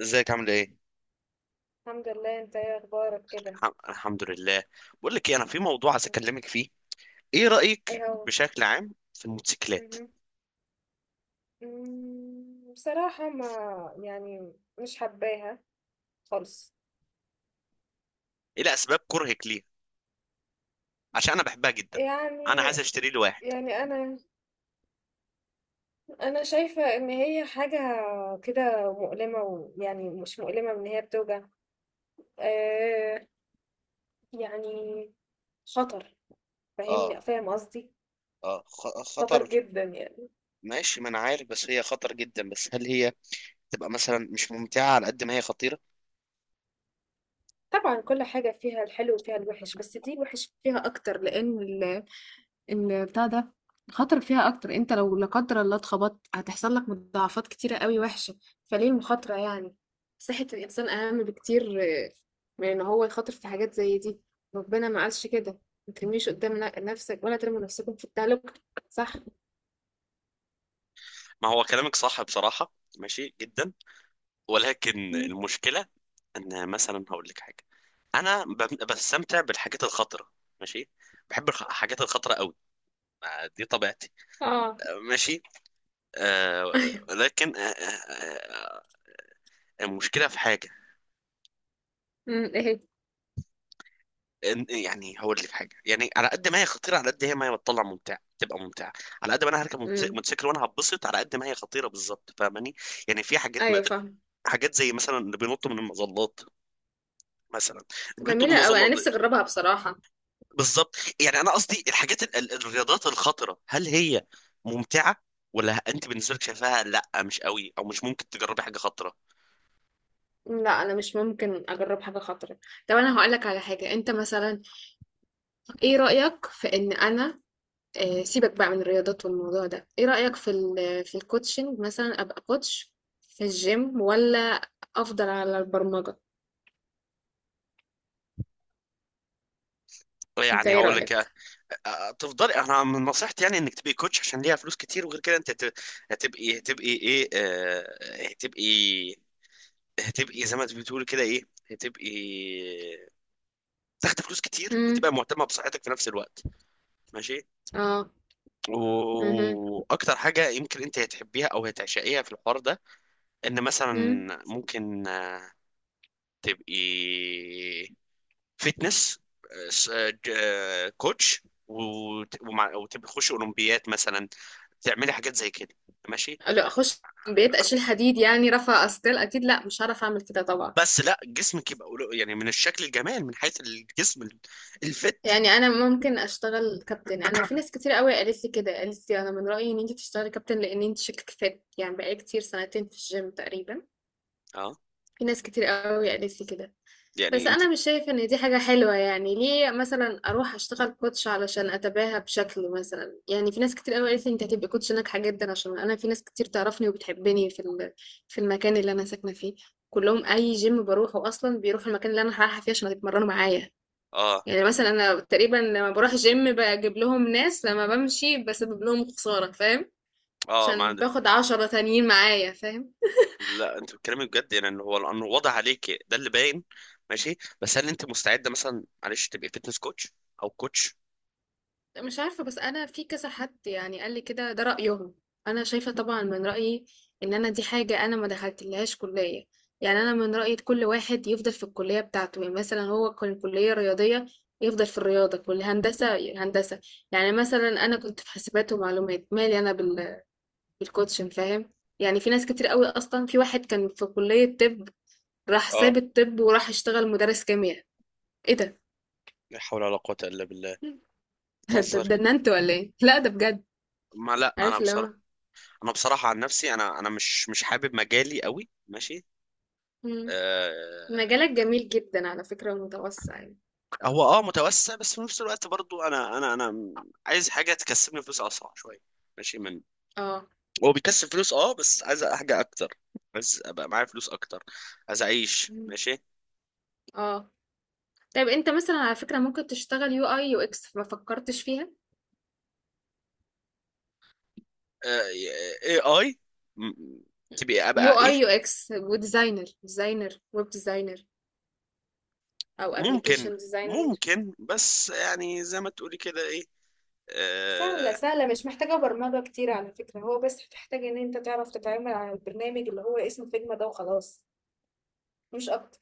ازيك عامل ايه؟ الحمد لله، انت ايه اخبارك كده؟ الحمد لله. بقول لك ايه، انا في موضوع عايز مم. اكلمك فيه. ايه رأيك ايه هو؟ بشكل عام في الموتوسيكلات؟ مهم. بصراحة ما يعني مش حباها خالص. ايه اسباب كرهك ليها؟ عشان انا بحبها جدا، انا يعني عايز اشتري لي واحد. يعني انا شايفة ان هي حاجة كده مؤلمة، ويعني مش مؤلمة ان هي بتوجع، آه يعني خطر. اه، فاهم قصدي؟ اه خطر. خطر جدا يعني. ماشي، ما انا عارف بس هي خطر جدا، بس هل هي تبقى مثلا مش ممتعة على قد ما هي خطيرة؟ طبعا كل حاجة فيها الحلو وفيها الوحش، بس دي الوحش فيها اكتر لان البتاع ده خاطرك فيها أكتر. أنت لو لا قدر الله اتخبطت، هتحصل لك مضاعفات كتيرة قوي وحشة. فليه المخاطرة يعني؟ صحة الإنسان أهم بكتير من إن هو يخاطر في حاجات زي دي. ربنا ما قالش كده. ما ترميش قدام نفسك، ولا ترموا نفسكم في التهلكة. صح. ما هو كلامك صح بصراحة، ماشي جدا، ولكن مم. المشكلة ان مثلا هقول لك حاجة، انا بستمتع بالحاجات الخطرة، ماشي، بحب الحاجات الخطرة قوي، دي طبيعتي. اه. ماشي، آه. ايوه. لكن آه، آه، آه، المشكله في حاجه، مم، ايه؟ يعني هقول لي في حاجه، يعني على قد ما هي خطيره على قد هي ما هي بتطلع ممتعه تبقى ممتعه. على قد ما انا هركب مم. موتوسيكل وانا هتبسط على قد ما هي خطيره بالظبط، فاهماني؟ يعني في حاجات، ما ايوه، فاهم. حاجات زي مثلا اللي بينطوا من المظلات مثلا، اللي بينطوا من جميلة أوي، أنا المظلات دي. نفسي أجربها بصراحة. بالظبط، يعني انا قصدي الحاجات الرياضات الخطره، هل هي ممتعه ولا انت بالنسبه لك شايفاها لا مش قوي او مش ممكن تجربي حاجه خطره؟ لا، أنا مش ممكن أجرب حاجة خطرة. طب أنا هقولك على حاجة. أنت مثلا، إيه رأيك في إن أنا سيبك بقى من الرياضات والموضوع ده. ايه رأيك في ال في الكوتشنج مثلا، ابقى كوتش في الجيم، ولا افضل على البرمجة؟ انت يعني ايه هقول لك آه، رأيك؟ آه، تفضلي، انا من نصيحتي يعني انك تبقي كوتش عشان ليها فلوس كتير، وغير كده انت هتبقي، ايه آه، هتبقي، هتبقي زي ما انت بتقول كده ايه، هتبقي تاخد فلوس كتير امم. وتبقى مهتمه بصحتك في نفس الوقت. ماشي. اه. امم. واكتر حاجه يمكن انت هتحبيها او هتعشقيها في الحوار ده، ان مثلا امم. ممكن آه، تبقي فتنس كوتش، وتخش اولمبيات مثلا، تعملي حاجات زي كده. ماشي. لو اخش بيت اشيل حديد، يعني رفع اثقال، اكيد لا، مش هعرف اعمل كده طبعا. بس لا، جسمك يبقى يعني من الشكل، الجمال من حيث الجسم الفت. يعني انا ممكن اشتغل كابتن. انا في ناس كتير قوي قالت لي كده، قالت لي انا من رأيي ان انت تشتغلي كابتن لان انت شكلك فات، يعني بقالي كتير سنتين في الجيم تقريبا. اه، في ناس كتير قوي قالت لي كده. بس يعني انت، انا مش شايفه ان دي حاجه حلوه. يعني ليه مثلا اروح اشتغل كوتش علشان اتباهى بشكل مثلا؟ يعني في ناس كتير قوي قالت لي انت هتبقي كوتش ناجحه جدا، عشان انا في ناس كتير تعرفني وبتحبني في في المكان اللي انا ساكنه فيه، كلهم اي جيم بروحه اصلا بيروحوا المكان اللي انا رايحه فيه عشان يتمرنوا معايا. اه، يعني مثلا انا تقريبا لما بروح جيم بجيب لهم ناس، لما بمشي بسبب لهم خساره، فاهم؟ اه ما عشان عندك. باخد 10 تانيين معايا، فاهم؟ لا انت بتتكلمي بجد، يعني ان هو لانه واضح عليك، ده اللي باين. ماشي، بس هل انت مستعده مثلا، معلش، تبقي فيتنس كوتش او كوتش؟ مش عارفة، بس أنا في كذا حد يعني قال لي كده، ده رأيهم. أنا شايفة طبعا، من رأيي إن أنا دي حاجة أنا ما دخلتلهاش كلية. يعني أنا من رأيي كل واحد يفضل في الكلية بتاعته. يعني مثلا هو كان كلية رياضية، يفضل في الرياضة. كل هندسة هندسة. يعني مثلا أنا كنت في حاسبات ومعلومات، مالي أنا بالكوتشن، فاهم؟ يعني في ناس كتير قوي. أصلا في واحد كان في كلية طب، راح اه. ساب الطب وراح اشتغل مدرس كيمياء. إيه ده؟ لا حول ولا قوة الا بالله، ده بتهزري؟ ده انت ولا إيه؟ لا ده بجد. ما لا، انا عارف اللي هو. بصراحة، انا بصراحه عن نفسي انا، مش حابب مجالي قوي، ماشي. مم. آه. مجالك جميل جدا على فكرة ومتوسع يعني. هو اه متوسع، بس في نفس الوقت برضو انا، عايز حاجه تكسبني فلوس اسرع شويه. ماشي. من، اه. هو بيكسب فلوس اه، بس عايز حاجه اكتر، عايز ابقى معايا فلوس اكتر، عايز اعيش مم. ماشي. اه. طيب انت مثلا على فكرة ممكن تشتغل UI UX، ما فكرتش فيها؟ آه، اي اي، تبقى ابقى يو ايه؟ اي يو اكس وديزاينر، ديزاينر، ويب ديزاينر او ممكن، ابلكيشن ديزاينر. ممكن، بس يعني زي ما تقولي كده ايه، سهلة آه. سهلة، مش محتاجة برمجة كتير على فكرة، هو بس محتاج ان انت تعرف تتعامل على البرنامج اللي هو اسمه فيجما ده، وخلاص، مش اكتر.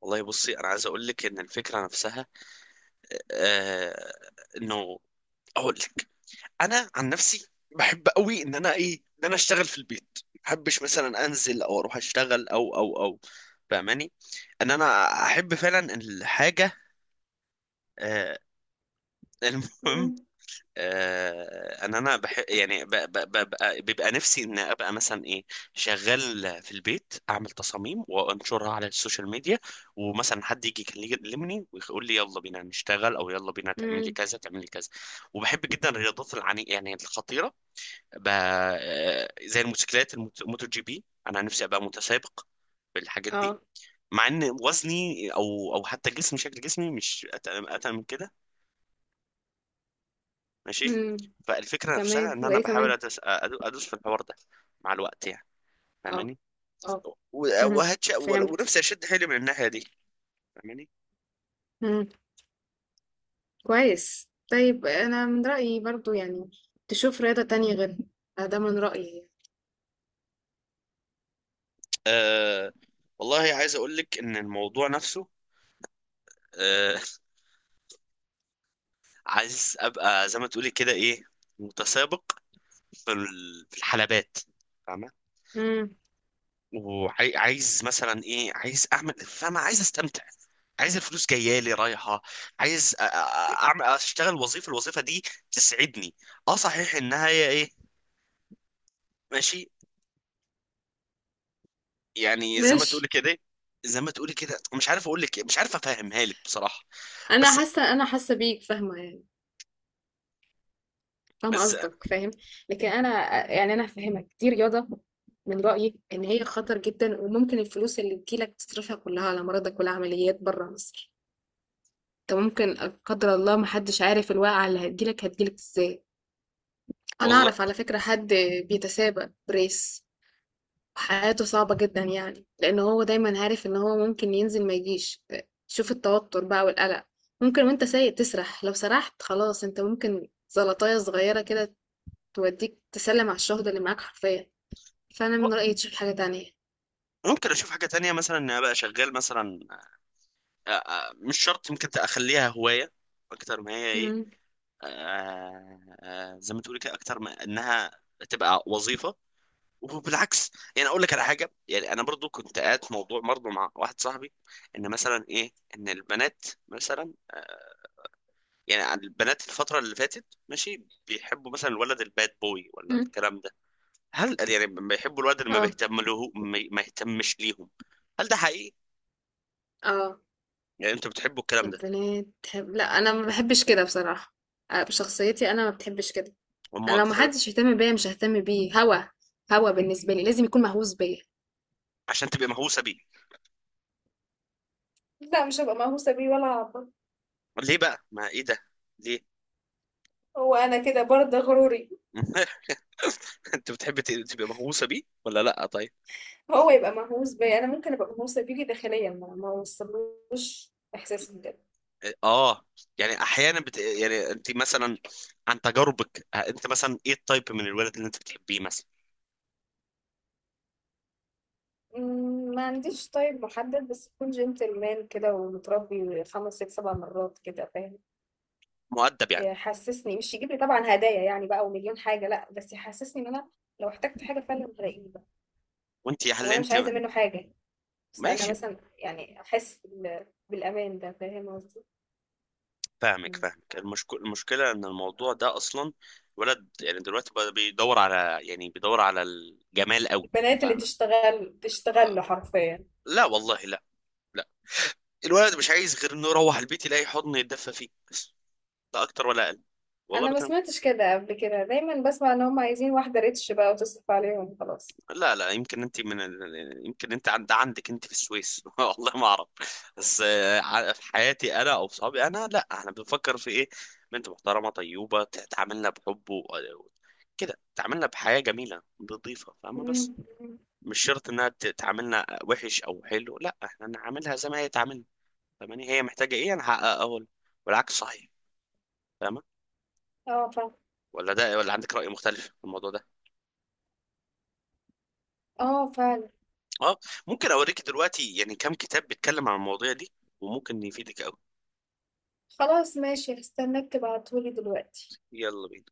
والله بصي، انا عايز اقول لك ان الفكره نفسها آه انه، اقول لك، انا عن نفسي بحب قوي ان انا ايه، ان انا اشتغل في البيت، ما بحبش مثلا انزل او اروح اشتغل او، فاهماني؟ ان انا احب فعلا الحاجه. آه، المهم، امم. آه، ان انا بحب، يعني ب بيبقى نفسي ان ابقى مثلا ايه، شغال في البيت اعمل تصاميم وانشرها على السوشيال ميديا، ومثلا حد يجي يكلمني ويقول لي يلا بينا نشتغل، او يلا بينا تعمل لي امم. كذا، تعمل لي كذا. وبحب جدا الرياضات، العني يعني الخطيره، ب... زي الموتوسيكلات، الموتو جي بي، انا نفسي ابقى متسابق بالحاجات دي، اه. مع ان وزني او حتى جسمي، شكل جسمي، مش اتقل، اتقل من كده، ماشي. امم. فالفكره نفسها كمان، ان انا وايه كمان؟ بحاول ادوس في الحوار ده مع الوقت يعني، اه. فاهماني؟ اه. امم. وهتش فهمت. ونفسي اشد حيلي من الناحيه دي، فاهماني؟ كويس. طيب انا من رأيي برضو، يعني تشوف رياضة تانية غيرها، ده من رأيي. أه، والله عايز اقول لك ان الموضوع نفسه، أه، عايز ابقى زي ما تقولي كده ايه، متسابق في في الحلبات، فاهمة؟ امم. وعايز مثلا ايه، عايز اعمل، فاهمة، عايز استمتع، عايز الفلوس جايه لي رايحه، عايز اعمل، اشتغل وظيفه، الوظيفه دي تسعدني، اه صحيح انها هي ايه، ماشي، يعني زي ما ماشي. تقولي كده، زي ما تقولي كده، مش عارف اقول لك إيه، مش عارف افهمها لك بصراحه. انا بس، حاسة انا حاسة بيك، فاهمة يعني، فاهمة بس قصدك، فاهم؟ لكن انا فاهمك، دي رياضة من رأيي ان هي خطر جدا، وممكن الفلوس اللي تجيلك تصرفها كلها على مرضك والعمليات بره مصر. انت ممكن لا قدر الله، محدش عارف الواقعة اللي هتجيلك ازاي. انا والله. اعرف على فكرة حد بيتسابق بريس، حياته صعبة جدا، يعني لأن هو دايما عارف إن هو ممكن ينزل ما يجيش. شوف التوتر بقى والقلق. ممكن وانت سايق تسرح، لو سرحت خلاص، انت ممكن زلطاية صغيرة كده توديك تسلم على الشهداء اللي معاك حرفيا. فأنا من رأيي تشوف حاجة تانية. ممكن اشوف حاجه تانية، مثلا ان أنا ابقى شغال مثلا، مش شرط، ممكن اخليها هوايه اكتر ما هي ايه، مم. آه، آه، زي ما تقولي كده، اكتر ما انها تبقى وظيفه. وبالعكس، يعني اقول لك على حاجه، يعني انا برضو كنت قاعد في موضوع برضو مع واحد صاحبي، ان مثلا ايه، ان البنات مثلا آه، يعني البنات الفتره اللي فاتت ماشي بيحبوا مثلا الولد الباد بوي ولا مم. الكلام ده؟ هل يعني بيحبوا الولد اللي ما اه. بيهتم له، ما يهتمش ليهم؟ هل ده حقيقي؟ اه. يعني انتوا بتحبوا الكلام ده، البنات تحب؟ لا، أنا ما بحبش كده بصراحة. بشخصيتي أنا ما بتحبش كده. أنا هم لو بتحبوا محدش يهتم بيا، مش ههتم بيه هوا. هوا بالنسبة لي لازم يكون مهووس بيا. عشان تبقى مهووسه بيه؟ لا، مش هبقى مهووسة بيه ولا هعبط. ليه بقى، ما ايه ده، ليه؟ هو أنا كده برضه غروري. انت بتحبي تبقى مهووسه بيه ولا لا؟ طيب. هو يبقى مهووس بيا، أنا ممكن أبقى مهووسة بيه داخليا، ما أوصلوش إحساسي بجد. اه، يعني احيانا بت... يعني انت مثلا عن تجاربك آه، انت مثلا ايه التايب من الولد اللي انت بتحبيه مثلا؟ ما عنديش طيب محدد، بس يكون جنتلمان كده ومتربي، 5 6 7 مرات كده، فاهم؟ مؤدب يعني. يحسسني، مش يجيب لي طبعا هدايا يعني بقى ومليون حاجة، لا، بس يحسسني إن أنا لو احتجت حاجة فعلا هلاقيه بقى. وانت هل وأنا انت، مش عايزة منه حاجة، بس أنا ماشي، مثلا يعني أحس بالأمان، ده فاهم قصدي؟ فاهمك، مم. المشك... المشكله ان الموضوع ده اصلا، الولد يعني دلوقتي بقى بيدور على، يعني بيدور على الجمال قوي، البنات اللي فاهم؟ تشتغل تشتغل آه. له حرفيا. لا والله، لا، لا، الولد مش عايز غير انه يروح البيت يلاقي حضن يتدفى فيه بس، لا اكتر ولا اقل. والله انا ما بكلم. سمعتش كده قبل كده، دايما بسمع ان هم عايزين واحده ريتش بقى وتصرف عليهم خلاص. لا لا، يمكن انت من ال... يمكن انت عند، انت في السويس، والله ما اعرف. بس آه، ع- في حياتي انا او صحابي انا، لا احنا بنفكر في ايه، بنت محترمه طيوبه تعاملنا بحب و... كده، تعاملنا بحياه جميله نظيفه، فاهمه؟ بس مم. مش شرط انها تعاملنا وحش او حلو، لا احنا نعاملها زي ما هي تعاملنا، فاهماني؟ هي محتاجه ايه انا هحققه اول، والعكس صحيح، فاهمه؟ اه فعلا. ولا ده، ولا عندك راي مختلف في الموضوع ده؟ اه فعلا. اه، ممكن اوريك دلوقتي يعني كام كتاب بيتكلم عن المواضيع دي وممكن يفيدك. خلاص ماشي، هستناك تبعتهولي دلوقتي. يلا بينا.